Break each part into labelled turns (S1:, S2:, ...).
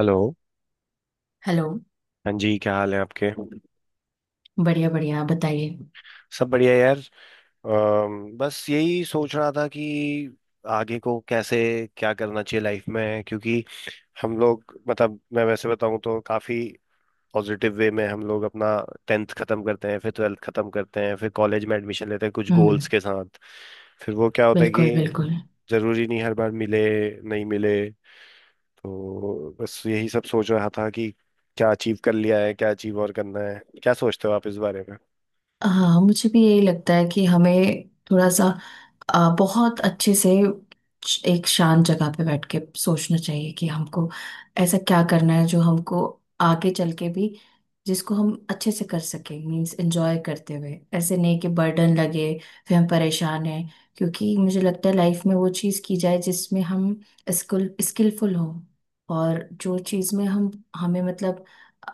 S1: Hello.
S2: Hello.
S1: हाँ जी, क्या हाल है आपके?
S2: बढ़िया बढ़िया, आप बताइए।
S1: सब बढ़िया, यार। बस यही सोच रहा था कि आगे को कैसे क्या करना चाहिए लाइफ में, क्योंकि हम लोग मतलब, मैं वैसे बताऊं तो काफी पॉजिटिव वे में हम लोग अपना 10th खत्म करते हैं, फिर 12th खत्म करते हैं, फिर कॉलेज में एडमिशन लेते हैं कुछ
S2: हम्म।
S1: गोल्स के साथ। फिर वो क्या होता है
S2: बिल्कुल बिल्कुल।
S1: कि जरूरी नहीं हर बार मिले, नहीं मिले। तो बस यही सब सोच रहा था कि क्या अचीव कर लिया है, क्या अचीव और करना है, क्या सोचते हो आप इस बारे में?
S2: हाँ, मुझे भी यही लगता है कि हमें थोड़ा सा बहुत अच्छे से एक शांत जगह पे बैठ के सोचना चाहिए कि हमको ऐसा क्या करना है जो हमको आगे चल के भी जिसको हम अच्छे से कर सकें। मीन्स एंजॉय करते हुए, ऐसे नहीं कि बर्डन लगे, फिर हम परेशान हैं। क्योंकि मुझे लगता है लाइफ में वो चीज़ की जाए जिसमें हम स्किलफुल हों, और जो चीज़ में हम हमें मतलब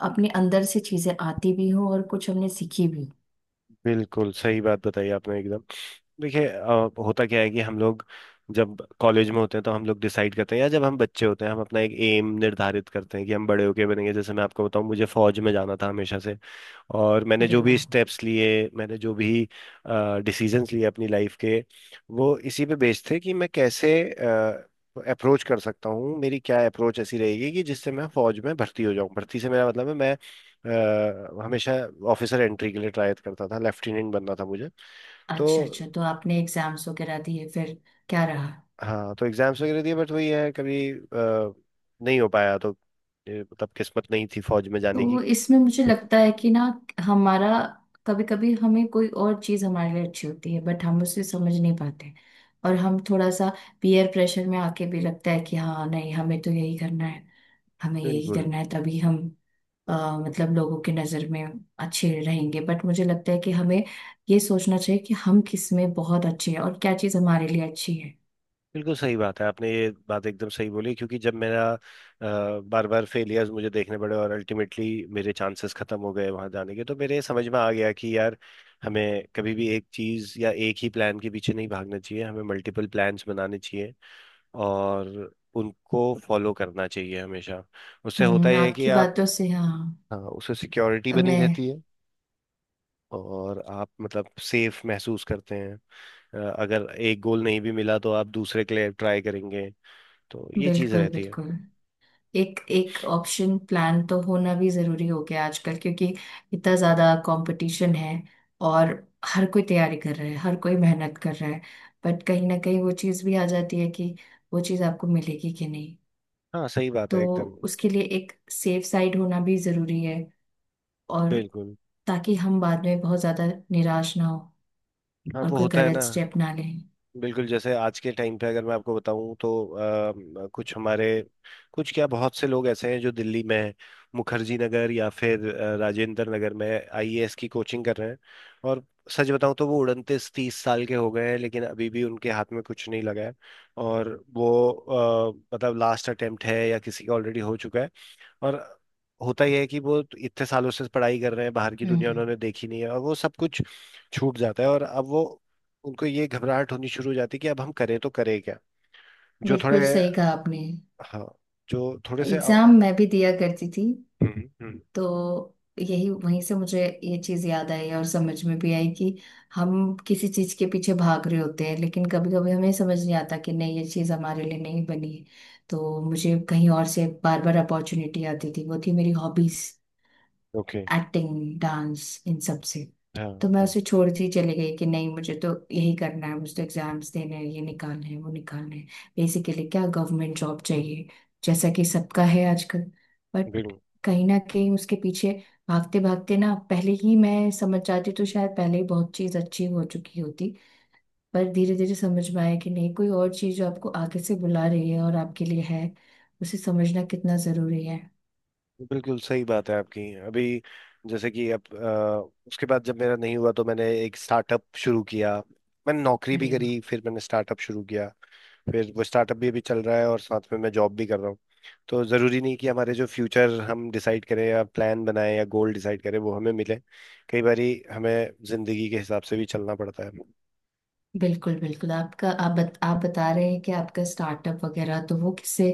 S2: अपने अंदर से चीज़ें आती भी हों और कुछ हमने सीखी भी।
S1: बिल्कुल सही बात बताई आपने एकदम। देखिए, होता क्या है कि हम लोग जब कॉलेज में होते हैं तो हम लोग डिसाइड करते हैं, या जब हम बच्चे होते हैं हम अपना एक एम निर्धारित करते हैं कि हम बड़े होके बनेंगे। जैसे मैं आपको बताऊं, मुझे फौज में जाना था हमेशा से, और मैंने
S2: अरे
S1: जो भी
S2: वाह।
S1: स्टेप्स लिए, मैंने जो भी डिसीजंस लिए अपनी लाइफ के, वो इसी पे बेस्ड थे कि मैं कैसे अप्रोच कर सकता हूँ, मेरी क्या अप्रोच ऐसी रहेगी कि जिससे मैं फौज में भर्ती हो जाऊँ। भर्ती से मेरा मतलब है मैं हमेशा ऑफिसर एंट्री के लिए ट्राई करता था, लेफ्टिनेंट बनना था मुझे। तो
S2: अच्छा अच्छा, तो आपने एग्जाम्स वगैरह दिए, फिर क्या रहा?
S1: हाँ, तो एग्जाम्स वगैरह दिए, बट वही है कभी नहीं हो पाया। तो ये मतलब किस्मत नहीं थी फौज में जाने
S2: तो
S1: की।
S2: इसमें मुझे लगता है कि ना हमारा कभी कभी हमें कोई और चीज़ हमारे लिए अच्छी होती है बट हम उसे समझ नहीं पाते। और हम थोड़ा सा पीयर प्रेशर में आके भी लगता है कि हाँ नहीं हमें तो यही करना है, हमें यही
S1: बिल्कुल।
S2: करना है, तभी हम अ, मतलब लोगों की नज़र में अच्छे रहेंगे। बट मुझे लगता है कि हमें ये सोचना चाहिए कि हम किस में बहुत अच्छे हैं और क्या चीज़ हमारे लिए अच्छी है।
S1: बिल्कुल सही बात है, आपने ये बात एकदम सही बोली, क्योंकि जब मेरा बार बार फेलियर्स मुझे देखने पड़े और अल्टीमेटली मेरे चांसेस खत्म हो गए वहां जाने के, तो मेरे समझ में आ गया कि यार, हमें कभी भी एक चीज या एक ही प्लान के पीछे नहीं भागना चाहिए, हमें मल्टीपल प्लान्स बनाने चाहिए और उनको फॉलो करना चाहिए हमेशा। उससे होता
S2: हम्म,
S1: यह है कि
S2: आपकी
S1: आप,
S2: बातों से हाँ
S1: हाँ, उससे सिक्योरिटी बनी
S2: मैं।
S1: रहती है और आप मतलब सेफ महसूस करते हैं। अगर एक गोल नहीं भी मिला तो आप दूसरे के लिए ट्राई करेंगे, तो ये चीज
S2: बिल्कुल
S1: रहती है।
S2: बिल्कुल। एक एक ऑप्शन प्लान तो होना भी जरूरी हो गया आजकल, क्योंकि इतना ज्यादा कंपटीशन है। और हर कोई तैयारी कर रहा है, हर कोई मेहनत कर रहा है। बट कहीं ना कहीं वो चीज़ भी आ जाती है कि वो चीज़ आपको मिलेगी कि नहीं।
S1: हाँ, सही बात है
S2: तो
S1: एकदम।
S2: उसके लिए एक सेफ साइड होना भी जरूरी है। और
S1: बिल्कुल।
S2: ताकि हम बाद में बहुत ज्यादा निराश ना हो
S1: हाँ,
S2: और
S1: वो
S2: कोई
S1: होता है ना।
S2: गलत स्टेप ना लें।
S1: बिल्कुल, जैसे आज के टाइम पे अगर मैं आपको बताऊं तो कुछ हमारे कुछ क्या, बहुत से लोग ऐसे हैं जो दिल्ली में हैं, मुखर्जी नगर या फिर राजेंद्र नगर में आईएएस की कोचिंग कर रहे हैं। और सच बताऊं तो वो 29-30 साल के हो गए हैं, लेकिन अभी भी उनके हाथ में कुछ नहीं लगा है। और वो मतलब लास्ट अटेम्प्ट है या किसी का ऑलरेडी हो चुका है। और होता ही है कि वो इतने सालों से पढ़ाई कर रहे हैं, बाहर की दुनिया
S2: हम्म।
S1: उन्होंने देखी नहीं है, और वो सब कुछ छूट जाता है। और अब वो उनको ये घबराहट होनी शुरू हो जाती है कि अब हम करें तो करें क्या। जो थोड़े
S2: बिल्कुल सही कहा आपने।
S1: हाँ। जो थोड़े से।
S2: एग्जाम
S1: हम्म।
S2: मैं भी दिया करती थी।
S1: हम्म।
S2: तो यही वहीं से मुझे ये चीज याद आई और समझ में भी आई कि हम किसी चीज के पीछे भाग रहे होते हैं लेकिन कभी कभी हमें समझ नहीं आता कि नहीं ये चीज हमारे लिए नहीं बनी है। तो मुझे कहीं और से बार बार अपॉर्चुनिटी आती थी, वो थी मेरी हॉबीज,
S1: ओके।
S2: एक्टिंग डांस इन सब से।
S1: हाँ।
S2: तो मैं
S1: हाँ।
S2: उसे छोड़ती ही चली गई कि नहीं मुझे तो यही करना है, मुझे तो एग्जाम्स देने हैं, ये निकालने हैं, वो निकालने हैं। बेसिकली क्या गवर्नमेंट जॉब चाहिए, जैसा कि सबका है आजकल। बट
S1: बिल्कुल।
S2: कहीं ना कहीं उसके पीछे भागते भागते ना पहले ही मैं समझ जाती तो शायद पहले ही बहुत चीज़ अच्छी हो चुकी होती। पर धीरे धीरे समझ में आया कि नहीं कोई और चीज़ जो आपको आगे से बुला रही है और आपके लिए है, उसे समझना कितना ज़रूरी है।
S1: बिल्कुल सही बात है आपकी, अभी। जैसे कि अब, उसके बाद जब मेरा नहीं हुआ तो मैंने एक स्टार्टअप शुरू किया। मैंने नौकरी भी
S2: अरे।
S1: करी, फिर मैंने स्टार्टअप शुरू किया। फिर वो स्टार्टअप भी अभी चल रहा है और साथ में मैं जॉब भी कर रहा हूँ। तो ज़रूरी नहीं कि हमारे जो फ्यूचर हम डिसाइड करें या प्लान बनाएं या गोल डिसाइड करें वो हमें मिले। कई बारी हमें ज़िंदगी के हिसाब से भी चलना पड़ता है।
S2: बिल्कुल बिल्कुल। आपका आप बता रहे हैं कि आपका स्टार्टअप वगैरह, तो वो किससे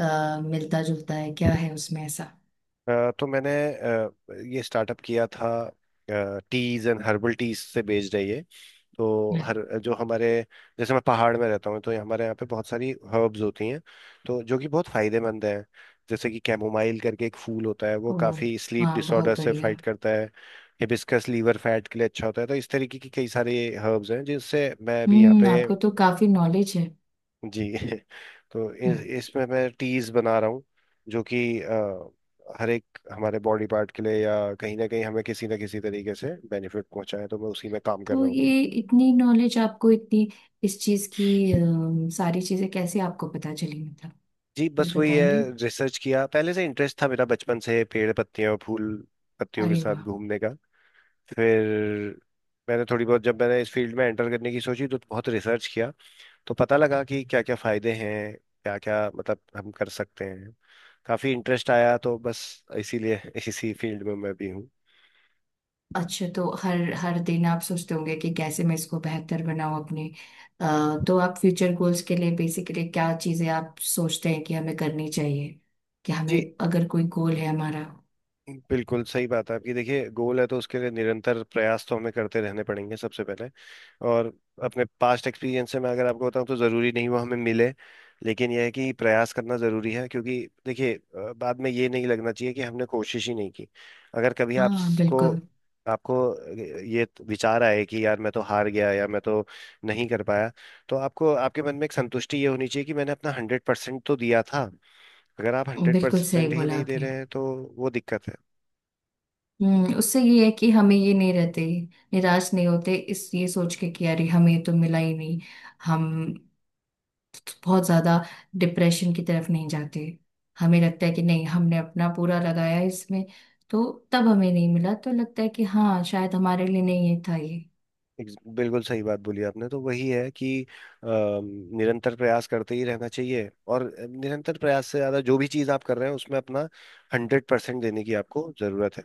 S2: मिलता जुलता है, क्या है उसमें ऐसा?
S1: तो मैंने ये स्टार्टअप किया था। टीज एंड हर्बल टीज से बेस्ड है ये। तो हर
S2: अरे
S1: जो हमारे, जैसे मैं पहाड़ में रहता हूँ तो हमारे यहाँ पे बहुत सारी हर्ब्स होती हैं, तो जो कि बहुत फायदेमंद हैं। जैसे कि कैमोमाइल करके एक फूल होता है, वो
S2: ओ,
S1: काफ़ी स्लीप
S2: वाह
S1: डिसऑर्डर
S2: बहुत
S1: से
S2: बढ़िया।
S1: फाइट करता है। हिबिस्कस लीवर फैट के लिए अच्छा होता है, तो इस तरीके की कई सारे हर्ब्स हैं जिससे मैं अभी यहाँ
S2: हम्म,
S1: पे,
S2: आपको तो काफी नॉलेज है।
S1: जी तो
S2: हम्म।
S1: इसमें मैं टीज बना रहा हूँ। जो कि हर एक हमारे बॉडी पार्ट के लिए या कहीं ना कहीं हमें किसी ना किसी तरीके से बेनिफिट पहुंचाए, तो मैं उसी में काम कर
S2: तो
S1: रहा हूँ।
S2: ये इतनी नॉलेज आपको, इतनी इस चीज की, सारी चीजें कैसे आपको पता चली, मतलब
S1: जी,
S2: कुछ
S1: बस वही है।
S2: बताएंगे?
S1: रिसर्च किया, पहले से इंटरेस्ट था मेरा बचपन से, पेड़ पत्तियां और फूल पत्तियों के
S2: अरे
S1: साथ
S2: वाह।
S1: घूमने का। फिर मैंने थोड़ी बहुत, जब मैंने इस फील्ड में एंटर करने की सोची तो बहुत रिसर्च किया, तो पता लगा कि क्या क्या फायदे हैं, क्या क्या मतलब हम कर सकते हैं। काफी इंटरेस्ट आया तो बस, इसीलिए इसी फील्ड में मैं भी हूँ।
S2: अच्छा, तो हर हर दिन आप सोचते होंगे कि कैसे मैं इसको बेहतर बनाऊं अपने। तो आप फ्यूचर गोल्स के लिए बेसिकली क्या चीजें आप सोचते हैं कि हमें करनी चाहिए, कि
S1: जी।
S2: हमें अगर कोई गोल है हमारा?
S1: बिल्कुल सही बात है आपकी। देखिए, गोल है तो उसके लिए निरंतर प्रयास तो हमें करते रहने पड़ेंगे, सबसे पहले। और अपने पास्ट एक्सपीरियंस से मैं अगर आपको बताऊं तो ज़रूरी नहीं वो हमें मिले, लेकिन यह है कि प्रयास करना ज़रूरी है। क्योंकि देखिए, बाद में ये नहीं लगना चाहिए कि हमने कोशिश ही नहीं की। अगर कभी
S2: हाँ,
S1: आपको
S2: बिल्कुल।
S1: आपको ये विचार आए कि यार मैं तो हार गया या मैं तो नहीं कर पाया, तो आपको आपके मन में एक संतुष्टि ये होनी चाहिए कि मैंने अपना 100% तो दिया था। अगर आप हंड्रेड
S2: बिल्कुल
S1: परसेंट
S2: सही
S1: ही
S2: बोला
S1: नहीं दे
S2: आपने।
S1: रहे हैं तो वो दिक्कत है।
S2: हम्म, उससे ये है कि हमें ये नहीं रहते, निराश नहीं होते इस ये सोच के कि अरे हमें तो मिला ही नहीं। हम बहुत ज्यादा डिप्रेशन की तरफ नहीं जाते। हमें लगता है कि नहीं हमने अपना पूरा लगाया इसमें, तो तब हमें नहीं मिला तो लगता है कि हाँ शायद हमारे लिए नहीं ये था ये।
S1: बिल्कुल सही बात बोली आपने। तो वही है कि निरंतर प्रयास करते ही रहना चाहिए। और निरंतर प्रयास से ज्यादा जो भी चीज आप कर रहे हैं उसमें अपना 100% देने की आपको जरूरत है।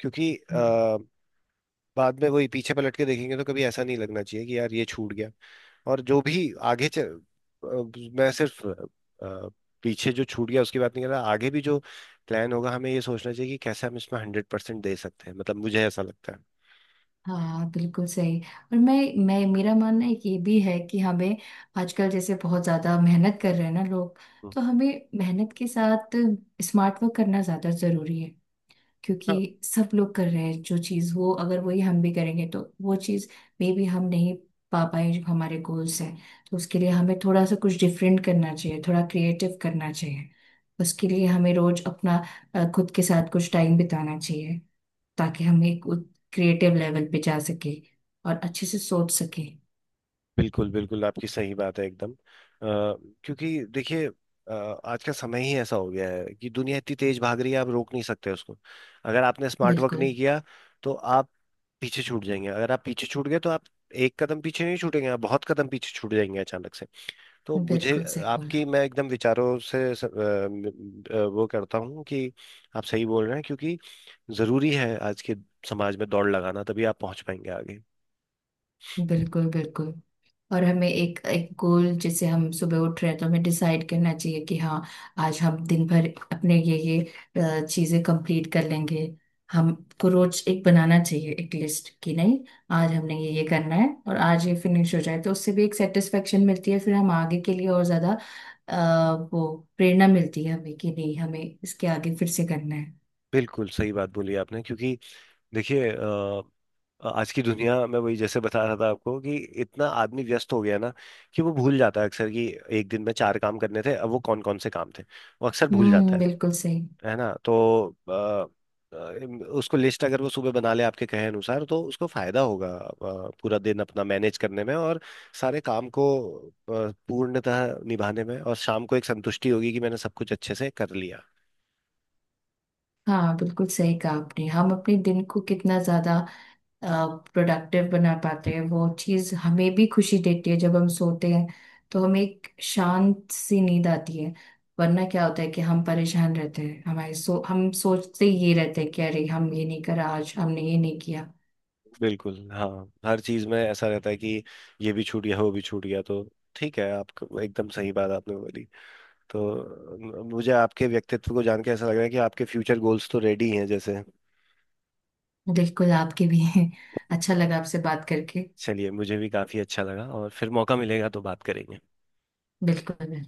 S1: क्योंकि
S2: हम्म।
S1: बाद में वही पीछे पलट के देखेंगे तो कभी ऐसा नहीं लगना चाहिए कि यार ये छूट गया। और जो भी मैं सिर्फ पीछे जो छूट गया उसकी बात नहीं कर रहा, आगे भी जो प्लान होगा हमें ये सोचना चाहिए कि कैसे हम इसमें 100% दे सकते हैं, मतलब मुझे ऐसा लगता है।
S2: हाँ बिल्कुल सही। और मैं, मेरा मानना है कि ये भी है कि हमें आजकल जैसे बहुत ज़्यादा मेहनत कर रहे हैं ना लोग,
S1: हम्म।
S2: तो हमें मेहनत के साथ स्मार्ट वर्क करना ज़्यादा ज़रूरी है। क्योंकि सब लोग कर रहे हैं जो चीज़, वो अगर वही हम भी करेंगे तो वो चीज़ मे बी हम नहीं पा पाए जो हमारे गोल्स हैं। तो उसके लिए हमें थोड़ा सा कुछ डिफरेंट करना चाहिए, थोड़ा क्रिएटिव करना चाहिए। उसके लिए हमें रोज अपना खुद के साथ कुछ टाइम बिताना चाहिए, ताकि हम एक क्रिएटिव लेवल पे जा सके और अच्छे से सोच सके।
S1: बिल्कुल बिल्कुल, आपकी सही बात है एकदम। क्योंकि देखिए, आज का समय ही ऐसा हो गया है कि दुनिया इतनी तेज भाग रही है, आप रोक नहीं सकते उसको। अगर आपने स्मार्ट वर्क
S2: बिल्कुल
S1: नहीं किया तो आप पीछे छूट जाएंगे। अगर आप पीछे छूट गए तो आप एक कदम पीछे नहीं छूटेंगे, आप बहुत कदम पीछे छूट जाएंगे अचानक से। तो मुझे
S2: बिल्कुल सही बोला।
S1: आपकी मैं एकदम विचारों से वो करता हूँ कि आप सही बोल रहे हैं। क्योंकि जरूरी है आज के समाज में दौड़ लगाना, तभी आप पहुंच पाएंगे आगे।
S2: बिल्कुल बिल्कुल। और हमें एक एक गोल जैसे हम सुबह उठ रहे हैं तो हमें डिसाइड करना चाहिए कि हाँ आज हम दिन भर अपने ये चीजें कंप्लीट कर लेंगे। हमको रोज एक बनाना चाहिए एक लिस्ट कि नहीं आज हमने ये करना है और आज ये फिनिश हो जाए, तो उससे भी एक सेटिस्फेक्शन मिलती है, फिर हम आगे के लिए और ज्यादा वो प्रेरणा मिलती है हमें कि नहीं हमें इसके आगे फिर से करना है।
S1: बिल्कुल सही बात बोली आपने। क्योंकि देखिए, आज की दुनिया में वही, जैसे बता रहा था आपको कि इतना आदमी व्यस्त हो गया ना कि वो भूल जाता है अक्सर कि एक दिन में चार काम करने थे, अब वो कौन कौन से काम थे वो अक्सर भूल जाता
S2: हम्म,
S1: है।
S2: बिल्कुल सही।
S1: है ना? तो अ, उसको लिस्ट अगर वो सुबह बना ले आपके कहे अनुसार तो उसको फायदा होगा पूरा दिन अपना मैनेज करने में और सारे काम को पूर्णतः निभाने में, और शाम को एक संतुष्टि होगी कि मैंने सब कुछ अच्छे से कर लिया।
S2: हाँ बिल्कुल सही कहा आपने। हम अपने दिन को कितना ज्यादा प्रोडक्टिव बना पाते हैं वो चीज़ हमें भी खुशी देती है। जब हम सोते हैं तो हमें एक शांत सी नींद आती है। वरना क्या होता है कि हम परेशान रहते हैं, हमारे सो हम सोचते ये रहते हैं कि अरे हम ये नहीं करा, आज हमने ये नहीं किया।
S1: बिल्कुल, हाँ, हर चीज में ऐसा रहता है कि ये भी छूट गया वो भी छूट गया। तो ठीक है आप, एकदम सही बात आपने बोली। तो मुझे आपके व्यक्तित्व को जान के ऐसा लग रहा है कि आपके फ्यूचर गोल्स तो रेडी हैं जैसे।
S2: बिल्कुल, आपके भी हैं। अच्छा लगा आपसे बात करके।
S1: चलिए, मुझे भी काफी अच्छा लगा, और फिर मौका मिलेगा तो बात करेंगे।
S2: बिल्कुल।